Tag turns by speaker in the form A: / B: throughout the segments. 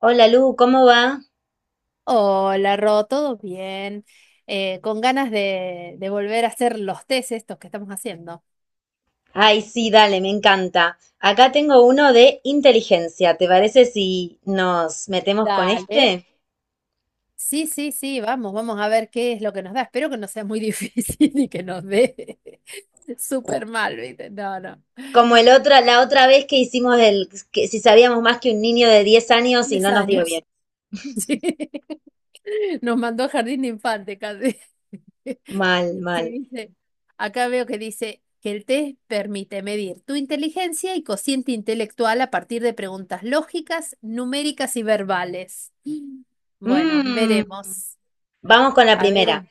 A: Hola Lu, ¿cómo va?
B: Hola, Ro, ¿todo bien? Con ganas de volver a hacer los test estos que estamos haciendo.
A: Ay, sí, dale, me encanta. Acá tengo uno de inteligencia. ¿Te parece si nos metemos con
B: Dale.
A: este?
B: Sí, sí, sí, vamos, vamos a ver qué es lo que nos da. Espero que no sea muy difícil y que nos dé súper mal, ¿viste? No, no.
A: Como el otra, la otra vez que hicimos el, que si sabíamos más que un niño de 10 años y
B: Diez
A: no nos dio
B: años.
A: bien.
B: Sí. Nos mandó a jardín de infante casi.
A: Mal, mal.
B: Sí, dice, acá veo que dice que el test permite medir tu inteligencia y cociente intelectual a partir de preguntas lógicas, numéricas y verbales. Bueno,
A: Mm,
B: veremos.
A: Vamos con la
B: A
A: primera.
B: ver,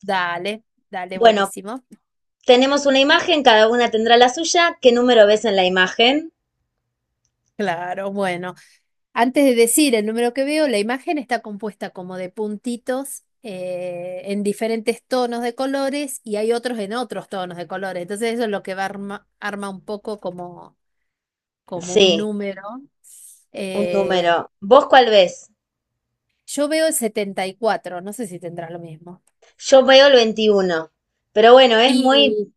B: dale, dale,
A: Bueno,
B: buenísimo.
A: tenemos una imagen, cada una tendrá la suya. ¿Qué número ves en la imagen?
B: Claro, bueno. Antes de decir el número que veo, la imagen está compuesta como de puntitos en diferentes tonos de colores y hay otros en otros tonos de colores. Entonces eso es lo que va arma un poco como como un
A: Sí,
B: número.
A: un
B: eh,
A: número. ¿Vos cuál ves?
B: yo veo el setenta y cuatro, no sé si tendrá lo mismo.
A: Yo veo el 21. Pero bueno, es muy
B: Y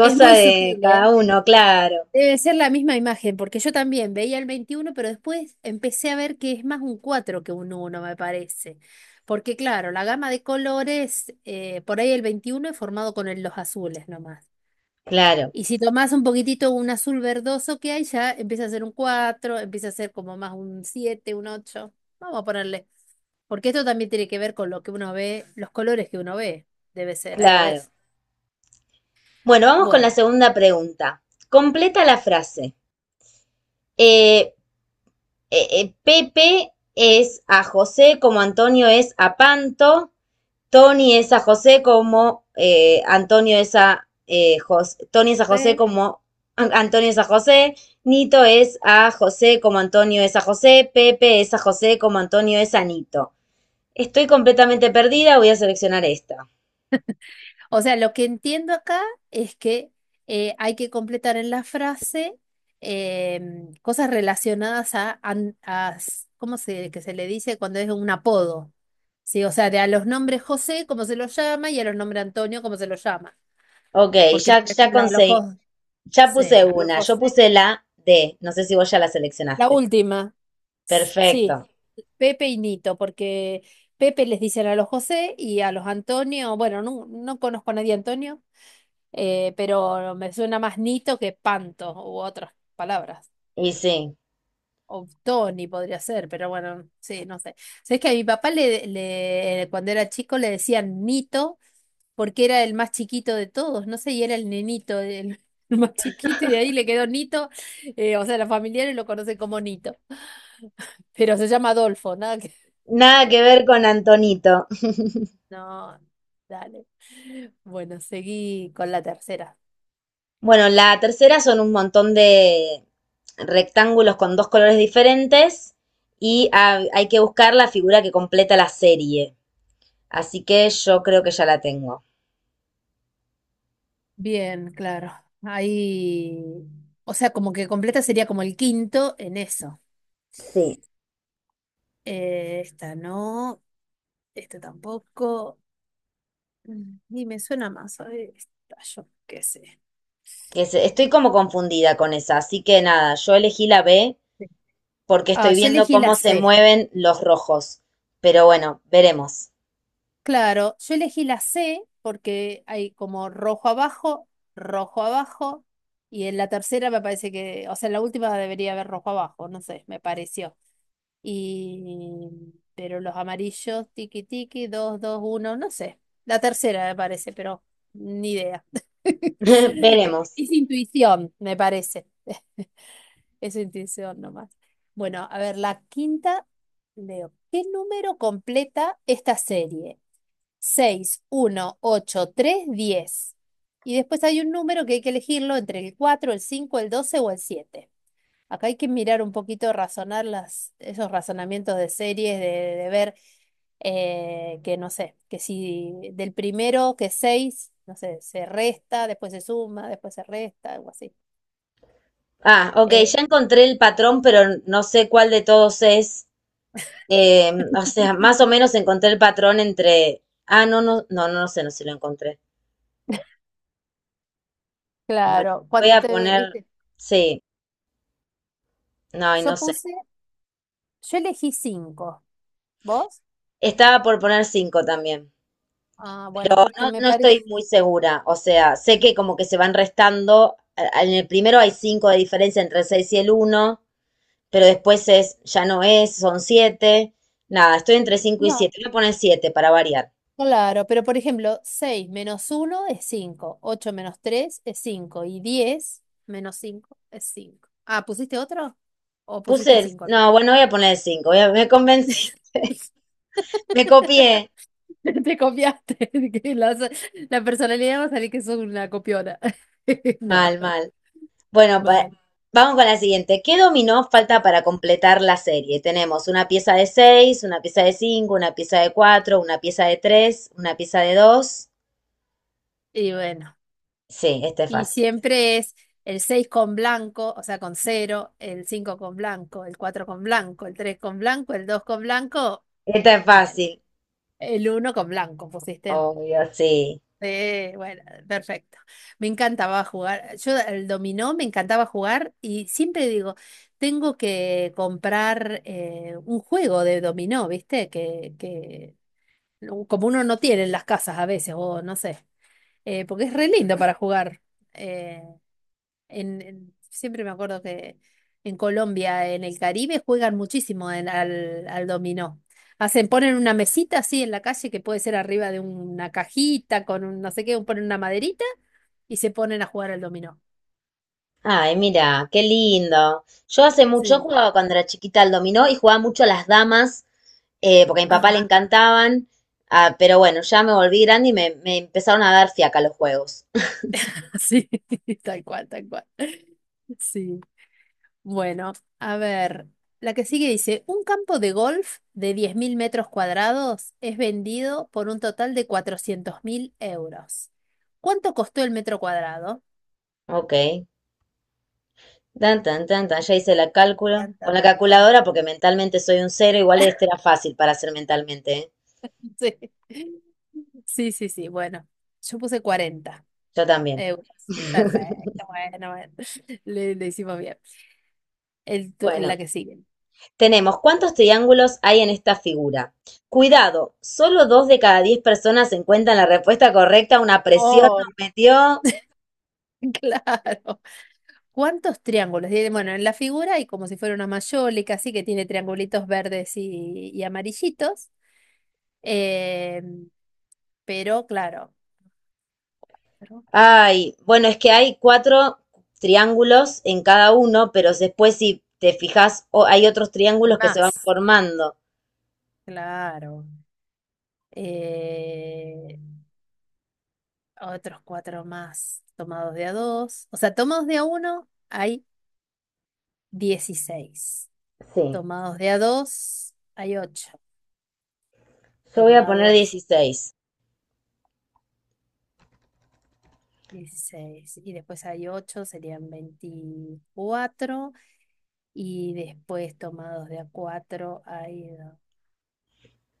B: es muy
A: de
B: sutil, ¿eh?
A: cada uno, claro,
B: Debe ser la misma imagen, porque yo también veía el 21 pero después empecé a ver que es más un 4 que un uno, me parece. Porque claro, la gama de colores, por ahí el 21 es formado con los azules nomás.
A: claro,
B: Y si tomás un poquitito un azul verdoso que hay, ya empieza a ser un cuatro, empieza a ser como más un siete, un ocho. Vamos a ponerle. Porque esto también tiene que ver con lo que uno ve, los colores que uno ve. Debe ser algo de
A: claro.
B: eso.
A: Bueno, vamos con la
B: Bueno,
A: segunda pregunta. Completa la frase. Eh, Pepe es a José como Antonio es a Panto. Tony es a José como Antonio es a Tony es a José
B: sí.
A: como Antonio es a José. Nito es a José como Antonio es a José. Pepe es a José como Antonio es a Nito. Estoy completamente perdida, voy a seleccionar esta.
B: O sea, lo que entiendo acá es que hay que completar en la frase cosas relacionadas a, an- a s- ¿cómo se, que se le dice cuando es un apodo? Sí, o sea, de a los nombres José, cómo se los llama, y a los nombres Antonio, cómo se los llama.
A: Ok,
B: Porque, por
A: ya
B: ejemplo, a los
A: conseguí,
B: José,
A: ya
B: sí,
A: puse
B: a los
A: una, yo
B: José.
A: puse la D, no sé si vos ya la
B: La
A: seleccionaste.
B: última,
A: Perfecto,
B: sí. Pepe y Nito, porque Pepe les dicen a los José y a los Antonio, bueno, no, no conozco a nadie Antonio, pero me suena más Nito que Panto u otras palabras.
A: y sí,
B: O Tony podría ser, pero bueno, sí, no sé. Sabes que a mi papá cuando era chico le decían Nito porque era el más chiquito de todos, no sé, y era el nenito, el, el más chiquito, y de ahí le quedó Nito, o sea, los familiares lo conocen como Nito, pero se llama Adolfo, nada.
A: nada que ver con Antonito.
B: No, dale. Bueno, seguí con la tercera.
A: Bueno, la tercera son un montón de rectángulos con dos colores diferentes y hay que buscar la figura que completa la serie. Así que yo creo que ya la tengo.
B: Bien, claro. Ahí, o sea, como que completa sería como el quinto en eso.
A: Sí.
B: Esta no, esta tampoco. Y me suena más, a ver, esta, yo qué sé.
A: Estoy como confundida con esa, así que nada, yo elegí la B
B: Sí.
A: porque
B: Ah,
A: estoy
B: yo
A: viendo
B: elegí la
A: cómo se
B: C.
A: mueven los rojos. Pero bueno, veremos.
B: Claro, yo elegí la C porque hay como rojo abajo, y en la tercera me parece que, o sea, en la última debería haber rojo abajo, no sé, me pareció. Y, pero los amarillos, tiki tiki, dos, dos, uno, no sé. La tercera me parece, pero ni idea.
A: Veremos.
B: Es intuición, me parece. Es intuición nomás. Bueno, a ver, la quinta, leo. ¿Qué número completa esta serie? Seis, uno, ocho, tres, diez. Y después hay un número que hay que elegirlo entre el cuatro, el cinco, el 12 o el siete. Acá hay que mirar un poquito, razonar esos razonamientos de series, de ver que no sé, que si del primero que seis, no sé, se resta, después se suma, después se resta, algo así.
A: Ah, ok,
B: Eh,
A: ya encontré el patrón, pero no sé cuál de todos es. O sea, más o menos encontré el patrón entre. Ah, no, no, no, no no sé, no sé si lo encontré. Bueno,
B: claro,
A: voy
B: cuando
A: a
B: te,
A: poner.
B: viste,
A: Sí, no, y
B: yo
A: no sé.
B: puse, yo elegí cinco. ¿Vos?
A: Estaba por poner cinco también.
B: Ah, bueno,
A: No,
B: porque me
A: no
B: parece.
A: estoy muy segura. O sea, sé que como que se van restando. En el primero hay cinco de diferencia entre el 6 y el uno. Pero después es, ya no es, son siete. Nada, estoy entre 5 y
B: No.
A: siete. Voy a poner 7 para variar.
B: Claro, pero por ejemplo, 6 menos uno es 5, 8 menos 3 es 5 y 10 menos 5 es 5. Ah, ¿pusiste otro? ¿O pusiste
A: Puse el,
B: 5 al
A: no,
B: final?
A: bueno, voy a poner el 5. Me convencí, me copié.
B: Te copiaste. Que la personalidad va a salir que sos una copiona. No,
A: Mal, mal. Bueno,
B: mal.
A: vamos con la siguiente. ¿Qué dominó falta
B: Sí.
A: para completar la serie? Tenemos una pieza de seis, una pieza de cinco, una pieza de cuatro, una pieza de tres, una pieza de dos.
B: Y bueno,
A: Sí, esta es
B: y
A: fácil.
B: siempre es el 6 con blanco, o sea, con cero, el 5 con blanco, el 4 con blanco, el 3 con blanco, el 2 con blanco,
A: Esta es
B: bueno,
A: fácil.
B: el uno con blanco pusiste.
A: Obvio, sí.
B: Sí, bueno, perfecto. Me encantaba jugar. Yo el dominó me encantaba jugar y siempre digo, tengo que comprar un juego de dominó, ¿viste? Que no- Como uno no tiene en las casas a veces, o no sé, porque es re lindo para jugar. eh, Siempre me acuerdo que en Colombia, en el Caribe, juegan muchísimo al dominó. Hacen, ponen una mesita así en la calle que puede ser arriba de una cajita con un no sé qué, ponen una maderita y se ponen a jugar al dominó.
A: Ay, mira, qué lindo. Yo hace mucho
B: Sí,
A: jugaba cuando era chiquita al dominó y jugaba mucho a las damas, porque a mi papá le
B: ajá,
A: encantaban. Ah, pero bueno, ya me volví grande y me empezaron a dar fiaca los juegos.
B: sí, tal cual, tal cual. Sí. Bueno, a ver, la que sigue dice, un campo de golf de 10.000 metros cuadrados es vendido por un total de 400.000 euros. ¿Cuánto costó el metro cuadrado?
A: Ok. Tan, tan, tan, tan. Ya hice el cálculo.
B: Tan,
A: Con
B: tan,
A: la
B: tan, tan,
A: calculadora,
B: tan.
A: porque mentalmente soy un cero, igual este era fácil para hacer mentalmente, ¿eh?
B: Sí, sí, sí, sí. Bueno, yo puse cuarenta
A: Yo también.
B: euros. Perfecto, bueno, bueno. Le hicimos bien.
A: Bueno.
B: La que sigue.
A: Tenemos: ¿cuántos triángulos hay en esta figura? Cuidado, solo dos de cada 10 personas encuentran la respuesta correcta. Una presión nos
B: Oh,
A: metió.
B: claro. ¿Cuántos triángulos? Bueno, en la figura hay como si fuera una mayólica, así que tiene triangulitos verdes y amarillitos. Eh, pero claro, pero
A: Ay, bueno, es que hay cuatro triángulos en cada uno, pero después si te fijas, hay otros
B: hay
A: triángulos que se van
B: más.
A: formando.
B: Claro. Eh, otros cuatro más tomados de a dos. O sea, tomados de a uno hay 16,
A: Sí,
B: tomados de a dos hay 8,
A: yo voy a poner
B: tomados
A: 16.
B: 16 y después hay ocho, serían 24. Y después tomados de a 4 hay,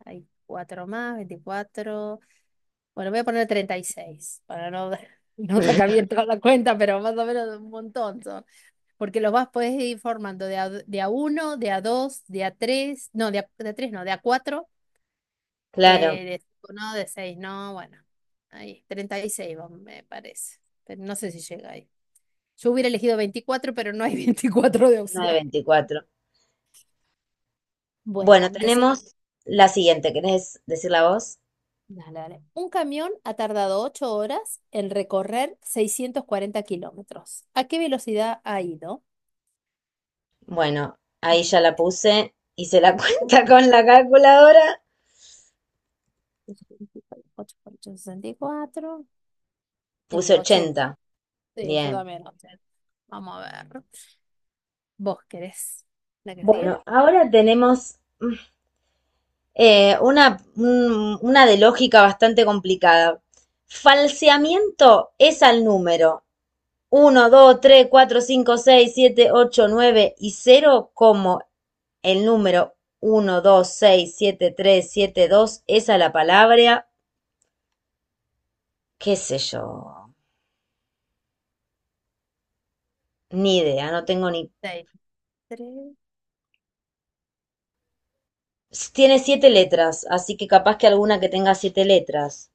B: hay 4 más, 24. Bueno, voy a poner 36 para no, no sacar bien toda la cuenta, pero más o menos un montón. Porque los vas podés ir formando de a uno, de a dos, de a tres, no, de a tres no, de a cuatro,
A: Claro,
B: de cinco no, de seis no, bueno, ahí, 36 me parece, pero no sé si llega ahí. Yo hubiera elegido 24, pero no hay 24 de
A: no 9,
B: opción.
A: 24.
B: Bueno,
A: Bueno,
B: dice,
A: tenemos la siguiente. ¿Querés decirla vos?
B: dale, dale. Un camión ha tardado 8 horas en recorrer 640 kilómetros. ¿A qué velocidad ha ido?
A: Bueno, ahí ya la puse. Hice la
B: Ah,
A: cuenta con la calculadora.
B: 8 por ocho, 64,
A: Puse
B: 80.
A: 80.
B: Sí, yo
A: Bien.
B: también. Entonces, vamos a ver. ¿Vos querés la que sigue?
A: Bueno, ahora tenemos una de lógica bastante complicada. Falseamiento es al número uno, 2, 3, 4, 5, 6, 7, 8, 9 y cero como el número uno, dos, seis, siete, tres, siete, dos es a la palabra, qué sé yo, ni idea, no tengo ni...
B: Seis, tres,
A: Tiene siete
B: tres.
A: letras, así que capaz que alguna que tenga siete letras.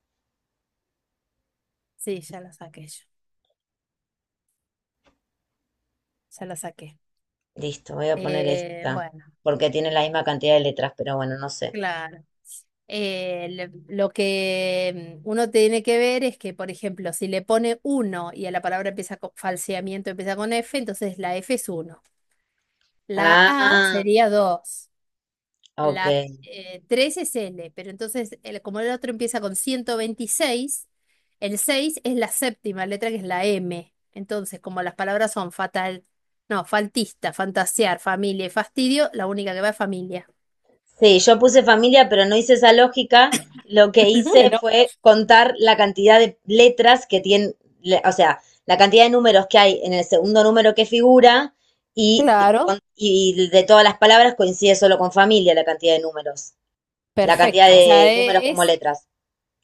B: Sí, ya la saqué yo. Ya la saqué.
A: Listo, voy a poner esta,
B: Bueno,
A: porque tiene la misma cantidad de letras, pero bueno, no sé.
B: claro. Lo que uno tiene que ver es que, por ejemplo, si le pone uno y a la palabra empieza con falseamiento, empieza con F, entonces la F es uno. La A
A: Ah,
B: sería dos. La
A: ok.
B: 3 es L, pero entonces, como el otro empieza con 126, el 6 es la séptima letra que es la M. Entonces, como las palabras son fatal, no, faltista, fantasear, familia y fastidio, la única que va es familia.
A: Sí, yo puse familia, pero no hice esa lógica. Lo que hice
B: Bueno,
A: fue contar la cantidad de letras que tiene, o sea, la cantidad de números que hay en el segundo número que figura y, de-
B: claro,
A: con- y de todas las palabras coincide solo con familia la cantidad de números, la cantidad
B: perfecto. O sea,
A: de números como
B: es,
A: letras.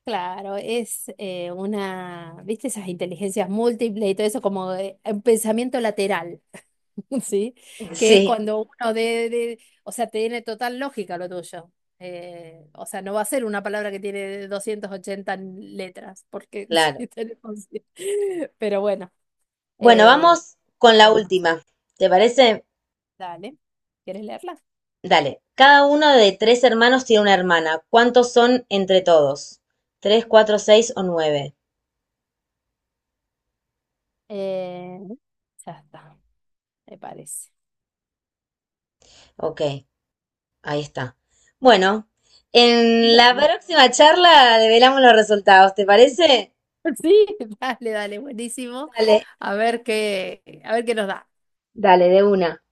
B: claro, es una, ¿viste? Esas inteligencias múltiples y todo eso, como un pensamiento lateral. ¿Sí? Que es
A: Sí,
B: cuando uno o sea, tiene total lógica lo tuyo. O sea, no va a ser una palabra que tiene 280 letras, porque
A: claro.
B: sí tenemos... Pero bueno,
A: Bueno,
B: eh,
A: vamos
B: dos
A: con la
B: formas.
A: última. ¿Te parece?
B: Dale, ¿quieres leerla?
A: Dale. Cada uno de tres hermanos tiene una hermana. ¿Cuántos son entre todos? ¿Tres, cuatro, seis o nueve?
B: Eh, ya está, me parece.
A: Ok, ahí está. Bueno, en la
B: Bueno,
A: próxima charla develamos los resultados, ¿te parece?
B: sí, dale, dale, buenísimo.
A: Dale,
B: A ver qué nos da.
A: dale, de una.